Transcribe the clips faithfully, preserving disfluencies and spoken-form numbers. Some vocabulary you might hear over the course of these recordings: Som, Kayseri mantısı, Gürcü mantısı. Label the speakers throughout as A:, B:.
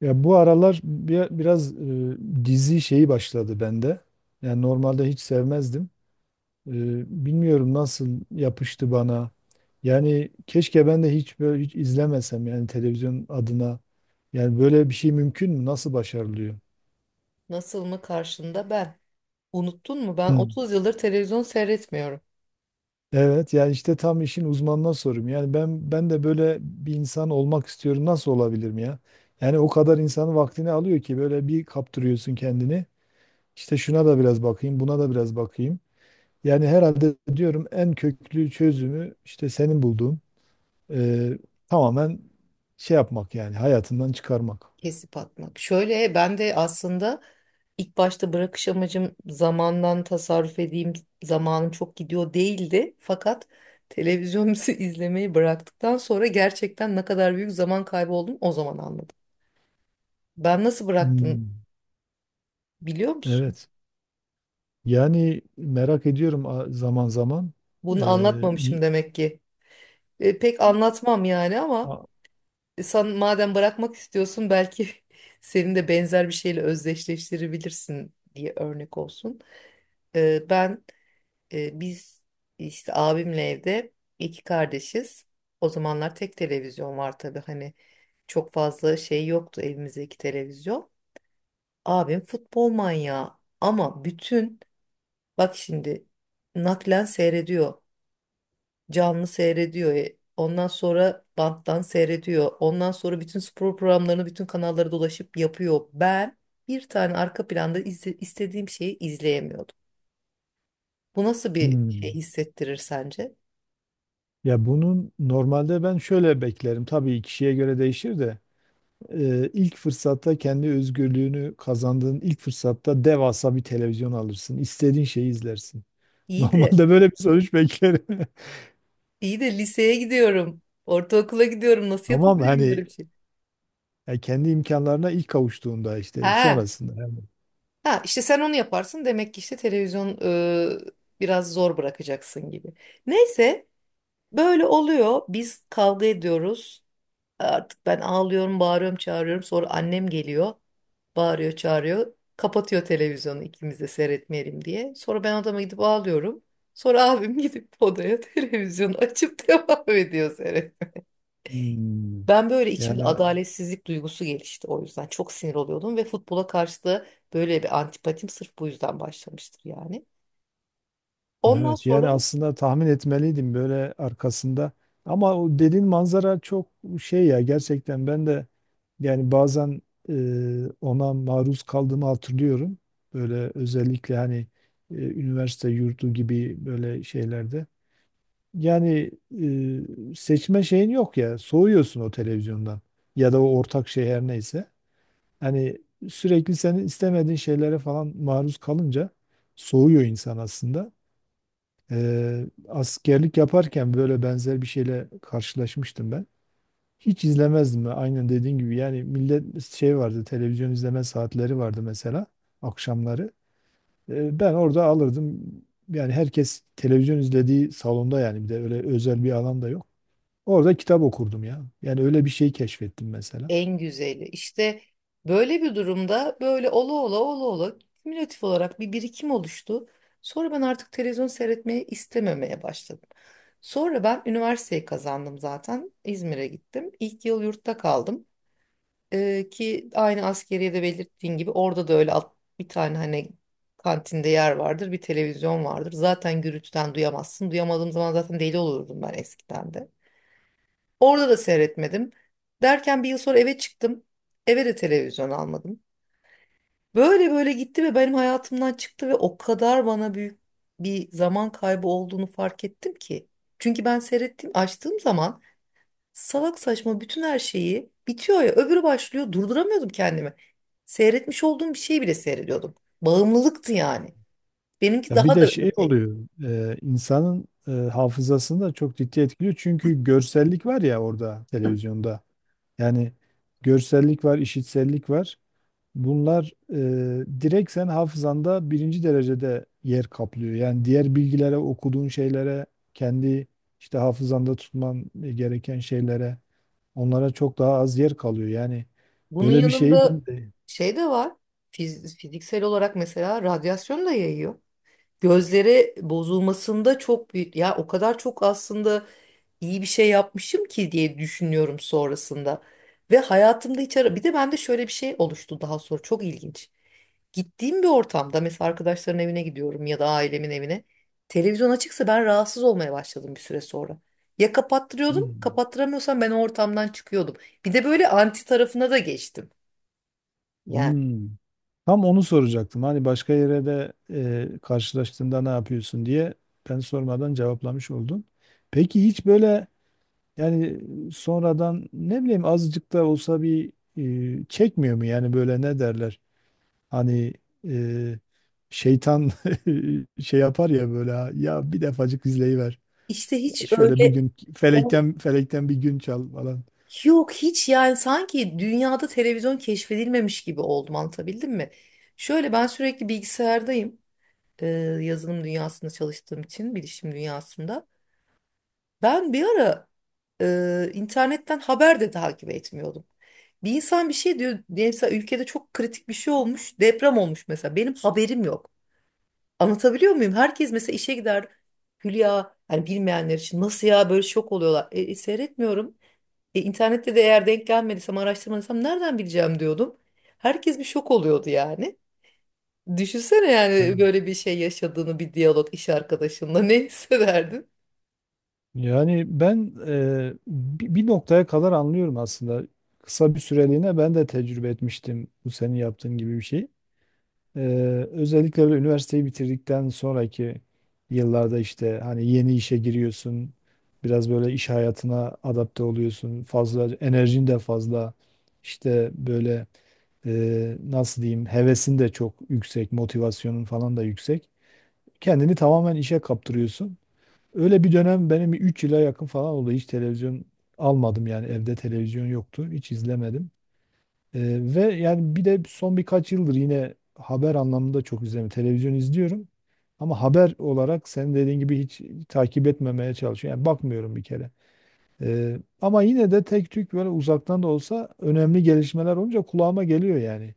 A: Ya bu aralar bir, biraz e, dizi şeyi başladı bende. Yani normalde hiç sevmezdim. E, Bilmiyorum nasıl yapıştı bana. Yani keşke ben de hiç böyle hiç izlemesem yani televizyon adına. Yani böyle bir şey mümkün mü? Nasıl başarılıyor?
B: Nasıl mı karşında ben? Unuttun mu? Ben
A: Hı.
B: otuz yıldır televizyon seyretmiyorum.
A: Evet, yani işte tam işin uzmanına sorum. Yani ben ben de böyle bir insan olmak istiyorum. Nasıl olabilirim ya? Yani o kadar insanın vaktini alıyor ki böyle bir kaptırıyorsun kendini. İşte şuna da biraz bakayım, buna da biraz bakayım. Yani herhalde diyorum en köklü çözümü işte senin bulduğun, eee, tamamen şey yapmak, yani hayatından çıkarmak.
B: Kesip atmak. Şöyle ben de aslında ilk başta bırakış amacım zamandan tasarruf edeyim, zamanım çok gidiyor değildi. Fakat televizyon izlemeyi bıraktıktan sonra gerçekten ne kadar büyük zaman kaybı olduğunu o zaman anladım. Ben nasıl bıraktım
A: Hmm,
B: biliyor musun?
A: evet. Yani merak ediyorum a- zaman zaman.
B: Bunu
A: Eee, y-
B: anlatmamışım demek ki. E, pek anlatmam yani ama
A: a-
B: sen madem bırakmak istiyorsun, belki senin de benzer bir şeyle özdeşleştirebilirsin diye örnek olsun. Ee, ben e, biz işte abimle evde iki kardeşiz. O zamanlar tek televizyon var tabii, hani çok fazla şey yoktu evimizde, iki televizyon. Abim futbol manyağı, ama bütün, bak şimdi, naklen seyrediyor, canlı seyrediyor. E, Ondan sonra banttan seyrediyor. Ondan sonra bütün spor programlarını bütün kanallara dolaşıp yapıyor. Ben bir tane arka planda izle- istediğim şeyi izleyemiyordum. Bu nasıl bir şey
A: hmm.
B: hissettirir sence?
A: Ya bunun normalde ben şöyle beklerim. Tabii kişiye göre değişir de, eee, ilk fırsatta kendi özgürlüğünü kazandığın ilk fırsatta devasa bir televizyon alırsın. İstediğin şeyi izlersin.
B: İyi de
A: Normalde böyle bir sonuç beklerim.
B: iyi de liseye gidiyorum, ortaokula gidiyorum. Nasıl
A: Tamam,
B: yapabilirim böyle
A: hani.
B: bir şey?
A: Yani kendi imkanlarına ilk kavuştuğunda işte
B: Ha,
A: sonrasında. Yani,
B: ha işte sen onu yaparsın demek ki, işte televizyon e, biraz zor bırakacaksın gibi. Neyse, böyle oluyor. Biz kavga ediyoruz. Artık ben ağlıyorum, bağırıyorum, çağırıyorum. Sonra annem geliyor, bağırıyor, çağırıyor. Kapatıyor televizyonu ikimiz de seyretmeyelim diye. Sonra ben odama gidip ağlıyorum. Sonra abim gidip odaya televizyonu açıp devam ediyor seyretmeye.
A: hmm.
B: Ben böyle içimde
A: Yani a-
B: adaletsizlik duygusu gelişti o yüzden. Çok sinir oluyordum ve futbola karşı da böyle bir antipatim sırf bu yüzden başlamıştır yani. Ondan
A: evet,
B: sonra
A: yani aslında tahmin etmeliydim böyle arkasında. Ama o dediğin manzara çok şey ya, gerçekten ben de yani bazen e, ona maruz kaldığımı hatırlıyorum. Böyle özellikle hani e, üniversite yurdu gibi böyle şeylerde. Yani e, seçme şeyin yok ya, soğuyorsun o televizyondan ya da o ortak şey her neyse. Yani sürekli senin istemediğin şeylere falan maruz kalınca soğuyor insan aslında. Ee, askerlik yaparken böyle benzer bir şeyle karşılaşmıştım ben. Hiç izlemezdim ben. Aynen dediğin gibi yani, millet şey vardı, televizyon izleme saatleri vardı mesela akşamları. Ee, ben orada alırdım, yani herkes televizyon izlediği salonda, yani bir de öyle özel bir alan da yok. Orada kitap okurdum ya. Yani öyle bir şey keşfettim mesela.
B: en güzeli. İşte böyle bir durumda böyle ola ola ola ola kümülatif olarak bir birikim oluştu. Sonra ben artık televizyon seyretmeyi istememeye başladım. Sonra ben üniversiteyi kazandım zaten. İzmir'e gittim. İlk yıl yurtta kaldım. Ee, ki aynı askeriyede belirttiğin gibi orada da öyle alt- bir tane hani kantinde yer vardır, bir televizyon vardır. Zaten gürültüden duyamazsın. Duyamadığım zaman zaten deli olurdum ben eskiden de. Orada da seyretmedim. Derken bir yıl sonra eve çıktım. Eve de televizyon almadım. Böyle böyle gitti ve benim hayatımdan çıktı ve o kadar bana büyük bir zaman kaybı olduğunu fark ettim ki. Çünkü ben seyrettiğim, açtığım zaman salak saçma bütün, her şeyi bitiyor ya öbürü başlıyor, durduramıyordum kendimi. Seyretmiş olduğum bir şeyi bile seyrediyordum. Bağımlılıktı yani. Benimki
A: Ya bir
B: daha da
A: de şey
B: öteydi.
A: oluyor, e, insanın e, hafızasını da çok ciddi etkiliyor. Çünkü görsellik var ya orada, televizyonda. Yani görsellik var, işitsellik var. Bunlar e, direkt sen hafızanda birinci derecede yer kaplıyor. Yani diğer bilgilere, okuduğun şeylere, kendi işte hafızanda tutman gereken şeylere, onlara çok daha az yer kalıyor. Yani
B: Bunun
A: böyle bir şey
B: yanında
A: de de-
B: şey de var. Fiz- fiziksel olarak mesela radyasyon da yayıyor. Gözleri bozulmasında çok büyük, ya o kadar çok aslında iyi bir şey yapmışım ki diye düşünüyorum sonrasında. Ve hayatımda hiç ara, bir de bende şöyle bir şey oluştu daha sonra, çok ilginç. Gittiğim bir ortamda mesela arkadaşların evine gidiyorum ya da ailemin evine, televizyon açıksa ben rahatsız olmaya başladım bir süre sonra. Ya kapattırıyordum,
A: hmm.
B: kapattıramıyorsam ben o ortamdan çıkıyordum. Bir de böyle anti tarafına da geçtim. Yani
A: Hmm. Tam onu soracaktım. Hani başka yere de e, karşılaştığında ne yapıyorsun diye, ben sormadan cevaplamış oldun. Peki hiç böyle, yani sonradan ne bileyim azıcık da olsa bir e, çekmiyor mu yani, böyle ne derler? Hani e, şeytan şey yapar ya, böyle "Ha, ya bir defacık izleyiver.
B: işte hiç
A: Şöyle
B: öyle
A: bugün felekten felekten bir gün çal" falan.
B: yok hiç, yani sanki dünyada televizyon keşfedilmemiş gibi oldum, anlatabildim mi? Şöyle, ben sürekli bilgisayardayım, e, yazılım dünyasında çalıştığım için, bilişim dünyasında. Ben bir ara e, internetten haber de takip etmiyordum. Bir insan bir şey diyor diyelim, mesela ülkede çok kritik bir şey olmuş, deprem olmuş mesela, benim haberim yok. Anlatabiliyor muyum? Herkes mesela işe gider Hülya, yani bilmeyenler için nasıl, ya böyle şok oluyorlar. E, e, seyretmiyorum. E, internette de eğer denk gelmediysem, araştırmadıysam nereden bileceğim diyordum. Herkes bir şok oluyordu yani. Düşünsene
A: Ha.
B: yani böyle bir şey yaşadığını, bir diyalog iş arkadaşınla ne hissederdin?
A: Yani ben e, bi- bir noktaya kadar anlıyorum aslında. Kısa bir süreliğine ben de tecrübe etmiştim bu senin yaptığın gibi bir şey. E, Özellikle böyle üniversiteyi bitirdikten sonraki yıllarda, işte hani yeni işe giriyorsun. Biraz böyle iş hayatına adapte oluyorsun. Fazla enerjin de fazla. İşte böyle, e, nasıl diyeyim, hevesin de çok yüksek, motivasyonun falan da yüksek. Kendini tamamen işe kaptırıyorsun. Öyle bir dönem benim üç yıla yakın falan oldu. Hiç televizyon almadım, yani evde televizyon yoktu. Hiç izlemedim. Ee, ve yani bir de son birkaç yıldır yine haber anlamında çok izlemiyorum. Televizyon izliyorum. Ama haber olarak senin dediğin gibi hiç takip etmemeye çalışıyorum. Yani bakmıyorum bir kere. Ee, ama yine de tek tük böyle uzaktan da olsa önemli gelişmeler olunca kulağıma geliyor yani.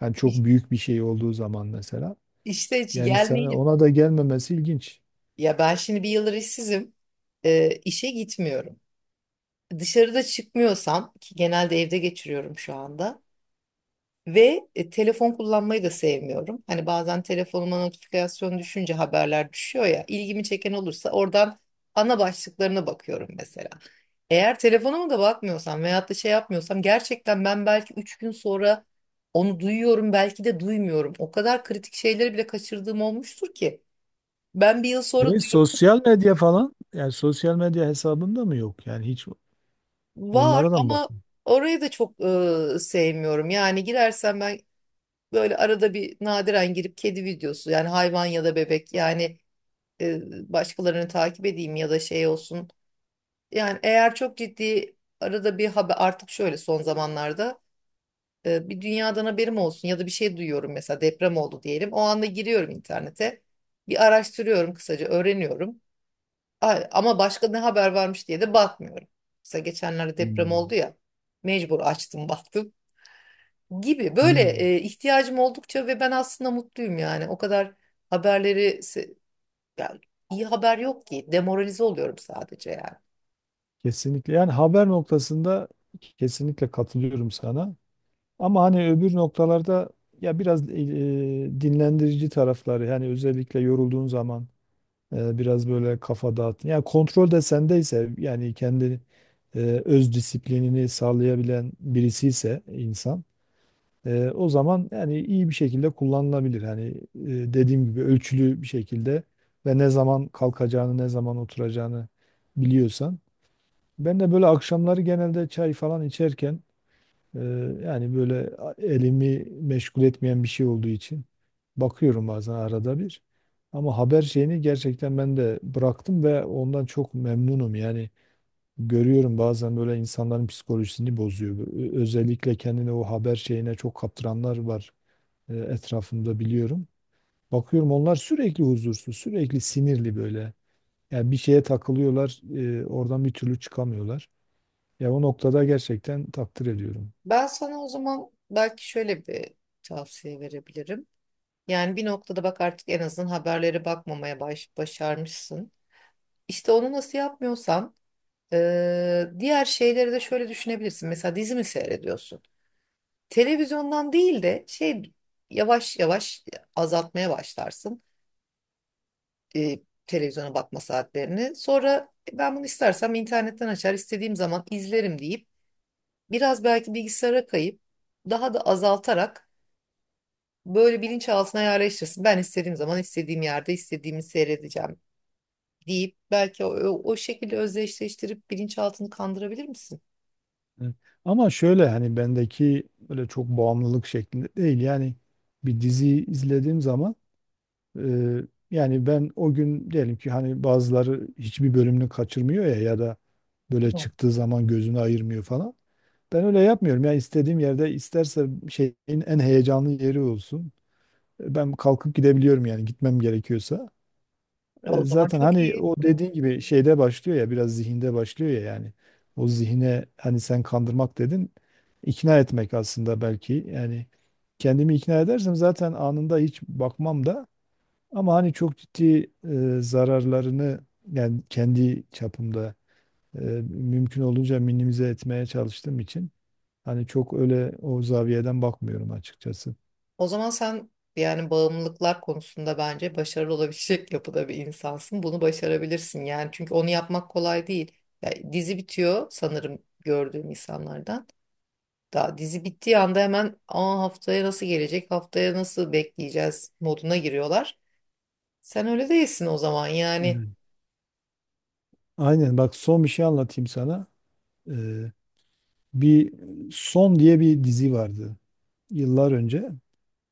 A: Yani çok
B: İş-
A: büyük bir şey olduğu zaman mesela.
B: İşte hiç
A: Yani sana
B: gelmeyince,
A: ona da gelmemesi ilginç.
B: ya ben şimdi bir yıldır işsizim. E, işe gitmiyorum. Dışarıda çıkmıyorsam, ki genelde evde geçiriyorum şu anda. Ve e, telefon kullanmayı da sevmiyorum. Hani bazen telefonuma notifikasyon düşünce haberler düşüyor ya, ilgimi çeken olursa oradan ana başlıklarına bakıyorum mesela. Eğer telefonuma da bakmıyorsam veyahut da şey yapmıyorsam, gerçekten ben belki üç gün sonra onu duyuyorum, belki de duymuyorum. O kadar kritik şeyleri bile kaçırdığım olmuştur ki, ben bir yıl sonra
A: Evet,
B: duyuyorum.
A: sosyal medya falan, yani sosyal medya hesabında mı yok? Yani hiç
B: Var
A: onlara da mı
B: ama
A: bakmıyor?
B: orayı da çok e, sevmiyorum. Yani girersem ben böyle arada bir nadiren girip kedi videosu, yani hayvan ya da bebek, yani e, başkalarını takip edeyim ya da şey olsun. Yani eğer çok ciddi arada bir haber, artık şöyle son zamanlarda e, bir dünyadan haberim olsun ya da bir şey duyuyorum mesela, deprem oldu diyelim, o anda giriyorum internete. Bir araştırıyorum, kısaca öğreniyorum. A- Ama başka ne haber varmış diye de bakmıyorum. Mesela geçenlerde deprem
A: Hmm.
B: oldu ya, mecbur açtım baktım, gibi böyle
A: Hmm,
B: e, ihtiyacım oldukça. Ve ben aslında mutluyum, yani o kadar haberleri se- ya, iyi haber yok ki. Demoralize oluyorum sadece yani.
A: kesinlikle. Yani haber noktasında kesinlikle katılıyorum sana. Ama hani öbür noktalarda ya biraz e, dinlendirici tarafları, yani özellikle yorulduğun zaman e, biraz böyle kafa dağıt. Yani kontrol de sendeyse, yani kendi e, öz disiplinini sağlayabilen birisiyse insan, Ee, o zaman yani iyi bir şekilde kullanılabilir. Hani e, dediğim gibi ölçülü bir şekilde ve ne zaman kalkacağını, ne zaman oturacağını biliyorsan. Ben de böyle akşamları genelde çay falan içerken e, yani böyle elimi meşgul etmeyen bir şey olduğu için bakıyorum bazen arada bir. Ama haber şeyini gerçekten ben de bıraktım ve ondan çok memnunum. Yani görüyorum bazen böyle insanların psikolojisini bozuyor. Ö- Özellikle kendini o haber şeyine çok kaptıranlar var e, etrafımda, biliyorum. Bakıyorum, onlar sürekli huzursuz, sürekli sinirli böyle. Yani bir şeye takılıyorlar, e, oradan bir türlü çıkamıyorlar. Ya o noktada gerçekten takdir ediyorum.
B: Ben sana o zaman belki şöyle bir tavsiye verebilirim. Yani bir noktada bak, artık en azından haberlere bakmamaya baş, başarmışsın. İşte onu nasıl yapmıyorsan, eee, diğer şeyleri de şöyle düşünebilirsin. Mesela dizi mi seyrediyorsun? Televizyondan değil de şey, yavaş yavaş azaltmaya başlarsın e, televizyona bakma saatlerini. Sonra, "E, ben bunu istersem internetten açar, istediğim zaman izlerim" deyip biraz belki bilgisayara kayıp, daha da azaltarak böyle bilinçaltına yerleştirsin. "Ben istediğim zaman istediğim yerde istediğimi seyredeceğim" deyip belki o, o, o şekilde özdeşleştirip bilinçaltını kandırabilir misin?
A: Evet. Ama şöyle hani bendeki böyle çok bağımlılık şeklinde değil. Yani bir dizi izlediğim zaman, e, yani ben o gün diyelim ki, hani bazıları hiçbir bölümünü kaçırmıyor ya, ya da böyle
B: Yok.
A: çıktığı zaman gözünü ayırmıyor falan. Ben öyle yapmıyorum. Yani istediğim yerde, isterse şeyin en heyecanlı yeri olsun. Ben kalkıp gidebiliyorum yani, gitmem gerekiyorsa.
B: Ya
A: E,
B: o zaman
A: Zaten
B: çok
A: hani
B: iyi.
A: o dediğin gibi şeyde başlıyor ya, biraz zihinde başlıyor ya yani. O zihine, hani sen kandırmak dedin, ikna etmek aslında belki, yani kendimi ikna edersem zaten anında hiç bakmam da, ama hani çok ciddi e, zararlarını yani kendi çapımda e, mümkün olunca minimize etmeye çalıştığım için, hani çok öyle o zaviyeden bakmıyorum açıkçası.
B: O zaman sen yani bağımlılıklar konusunda bence başarılı olabilecek yapıda bir insansın. Bunu başarabilirsin yani, çünkü onu yapmak kolay değil. Ya dizi bitiyor sanırım, gördüğüm insanlardan. Daha dizi bittiği anda hemen, "Aa, haftaya nasıl gelecek, haftaya nasıl bekleyeceğiz" moduna giriyorlar. Sen öyle değilsin o zaman yani.
A: Evet. Aynen, bak son bir şey anlatayım sana. Ee, bir Som diye bir dizi vardı yıllar önce.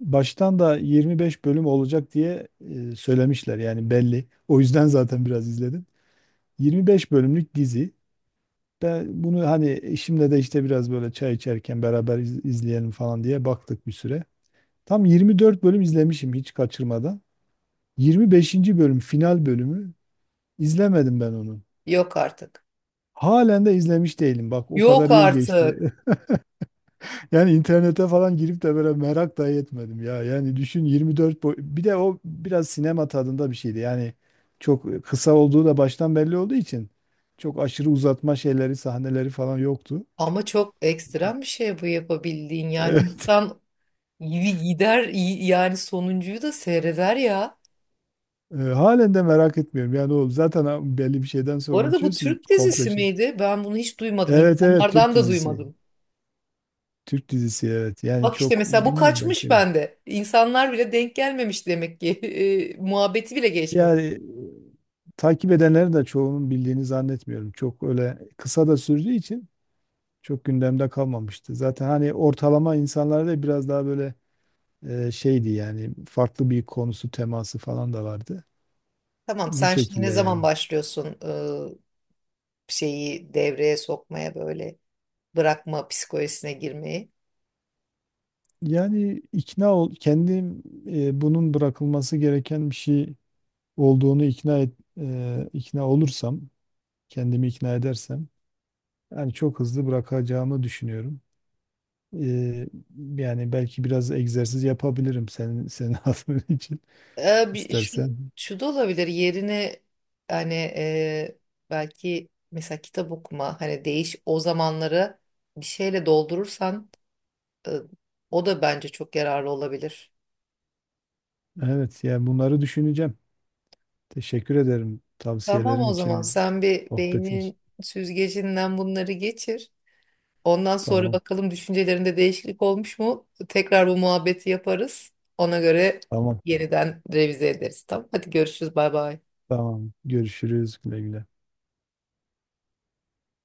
A: Baştan da yirmi beş bölüm olacak diye e, söylemişler, yani belli. O yüzden zaten biraz izledim. yirmi beş bölümlük dizi. Ben bunu hani eşimle de işte biraz böyle çay içerken beraber iz- izleyelim falan diye baktık bir süre. Tam yirmi dört bölüm izlemişim, hiç kaçırmadan. yirmi beşinci bölüm, final bölümü, izlemedim ben onu.
B: Yok artık.
A: Halen de izlemiş değilim. Bak, o
B: Yok
A: kadar yıl
B: artık.
A: geçti. Yani internete falan girip de böyle merak dahi etmedim ya. Yani düşün, yirmi dört boy bir de o biraz sinema tadında bir şeydi. Yani çok kısa olduğu da baştan belli olduğu için çok aşırı uzatma şeyleri, sahneleri falan yoktu.
B: Ama çok ekstrem bir şey bu yapabildiğin, yani
A: Evet.
B: insan gider yani sonuncuyu da seyreder ya.
A: E, halen de merak etmiyorum. Yani o zaten ha- belli bir şeyden
B: Bu
A: sonra
B: arada bu
A: unutuyorsun
B: Türk
A: komple
B: dizisi
A: şey.
B: miydi? Ben bunu hiç duymadım.
A: Evet, evet, Türk
B: İnsanlardan da
A: dizisi.
B: duymadım.
A: Türk dizisi, evet. Yani
B: Bak işte
A: çok
B: mesela bu
A: bilmiyorum belki
B: kaçmış
A: demiş.
B: bende. İnsanlar bile denk gelmemiş demek ki. E, muhabbeti bile geçmemiş.
A: Yani e, takip edenlerin de çoğunun bildiğini zannetmiyorum. Çok öyle kısa da sürdüğü için çok gündemde kalmamıştı. Zaten hani ortalama insanlarda biraz daha böyle e, şeydi, yani farklı bir konusu, teması falan da vardı.
B: Tamam,
A: Bu
B: sen şimdi ne
A: şekilde
B: zaman
A: yani.
B: başlıyorsun e, şeyi devreye sokmaya, böyle bırakma psikolojisine girmeyi?
A: Yani ikna ol, kendim e, bunun bırakılması gereken bir şey olduğunu ikna et, e, ikna olursam, kendimi ikna edersem yani çok hızlı bırakacağımı düşünüyorum. E, yani belki biraz egzersiz yapabilirim senin senin adın için,
B: E, bir, şu,
A: istersen.
B: şu da olabilir yerine, hani e, belki mesela kitap okuma, hani değiş o zamanları bir şeyle doldurursan e, o da bence çok yararlı olabilir.
A: Evet, yani bunları düşüneceğim. Teşekkür ederim
B: Tamam,
A: tavsiyelerin
B: o zaman
A: için.
B: sen bir
A: Sohbetin.
B: beynin süzgecinden bunları geçir. Ondan sonra
A: Tamam.
B: bakalım düşüncelerinde değişiklik olmuş mu? Tekrar bu muhabbeti yaparız. Ona göre
A: Tamam.
B: yeniden revize ederiz. Tamam. Hadi görüşürüz. Bay bay.
A: Tamam. Görüşürüz. Güle güle.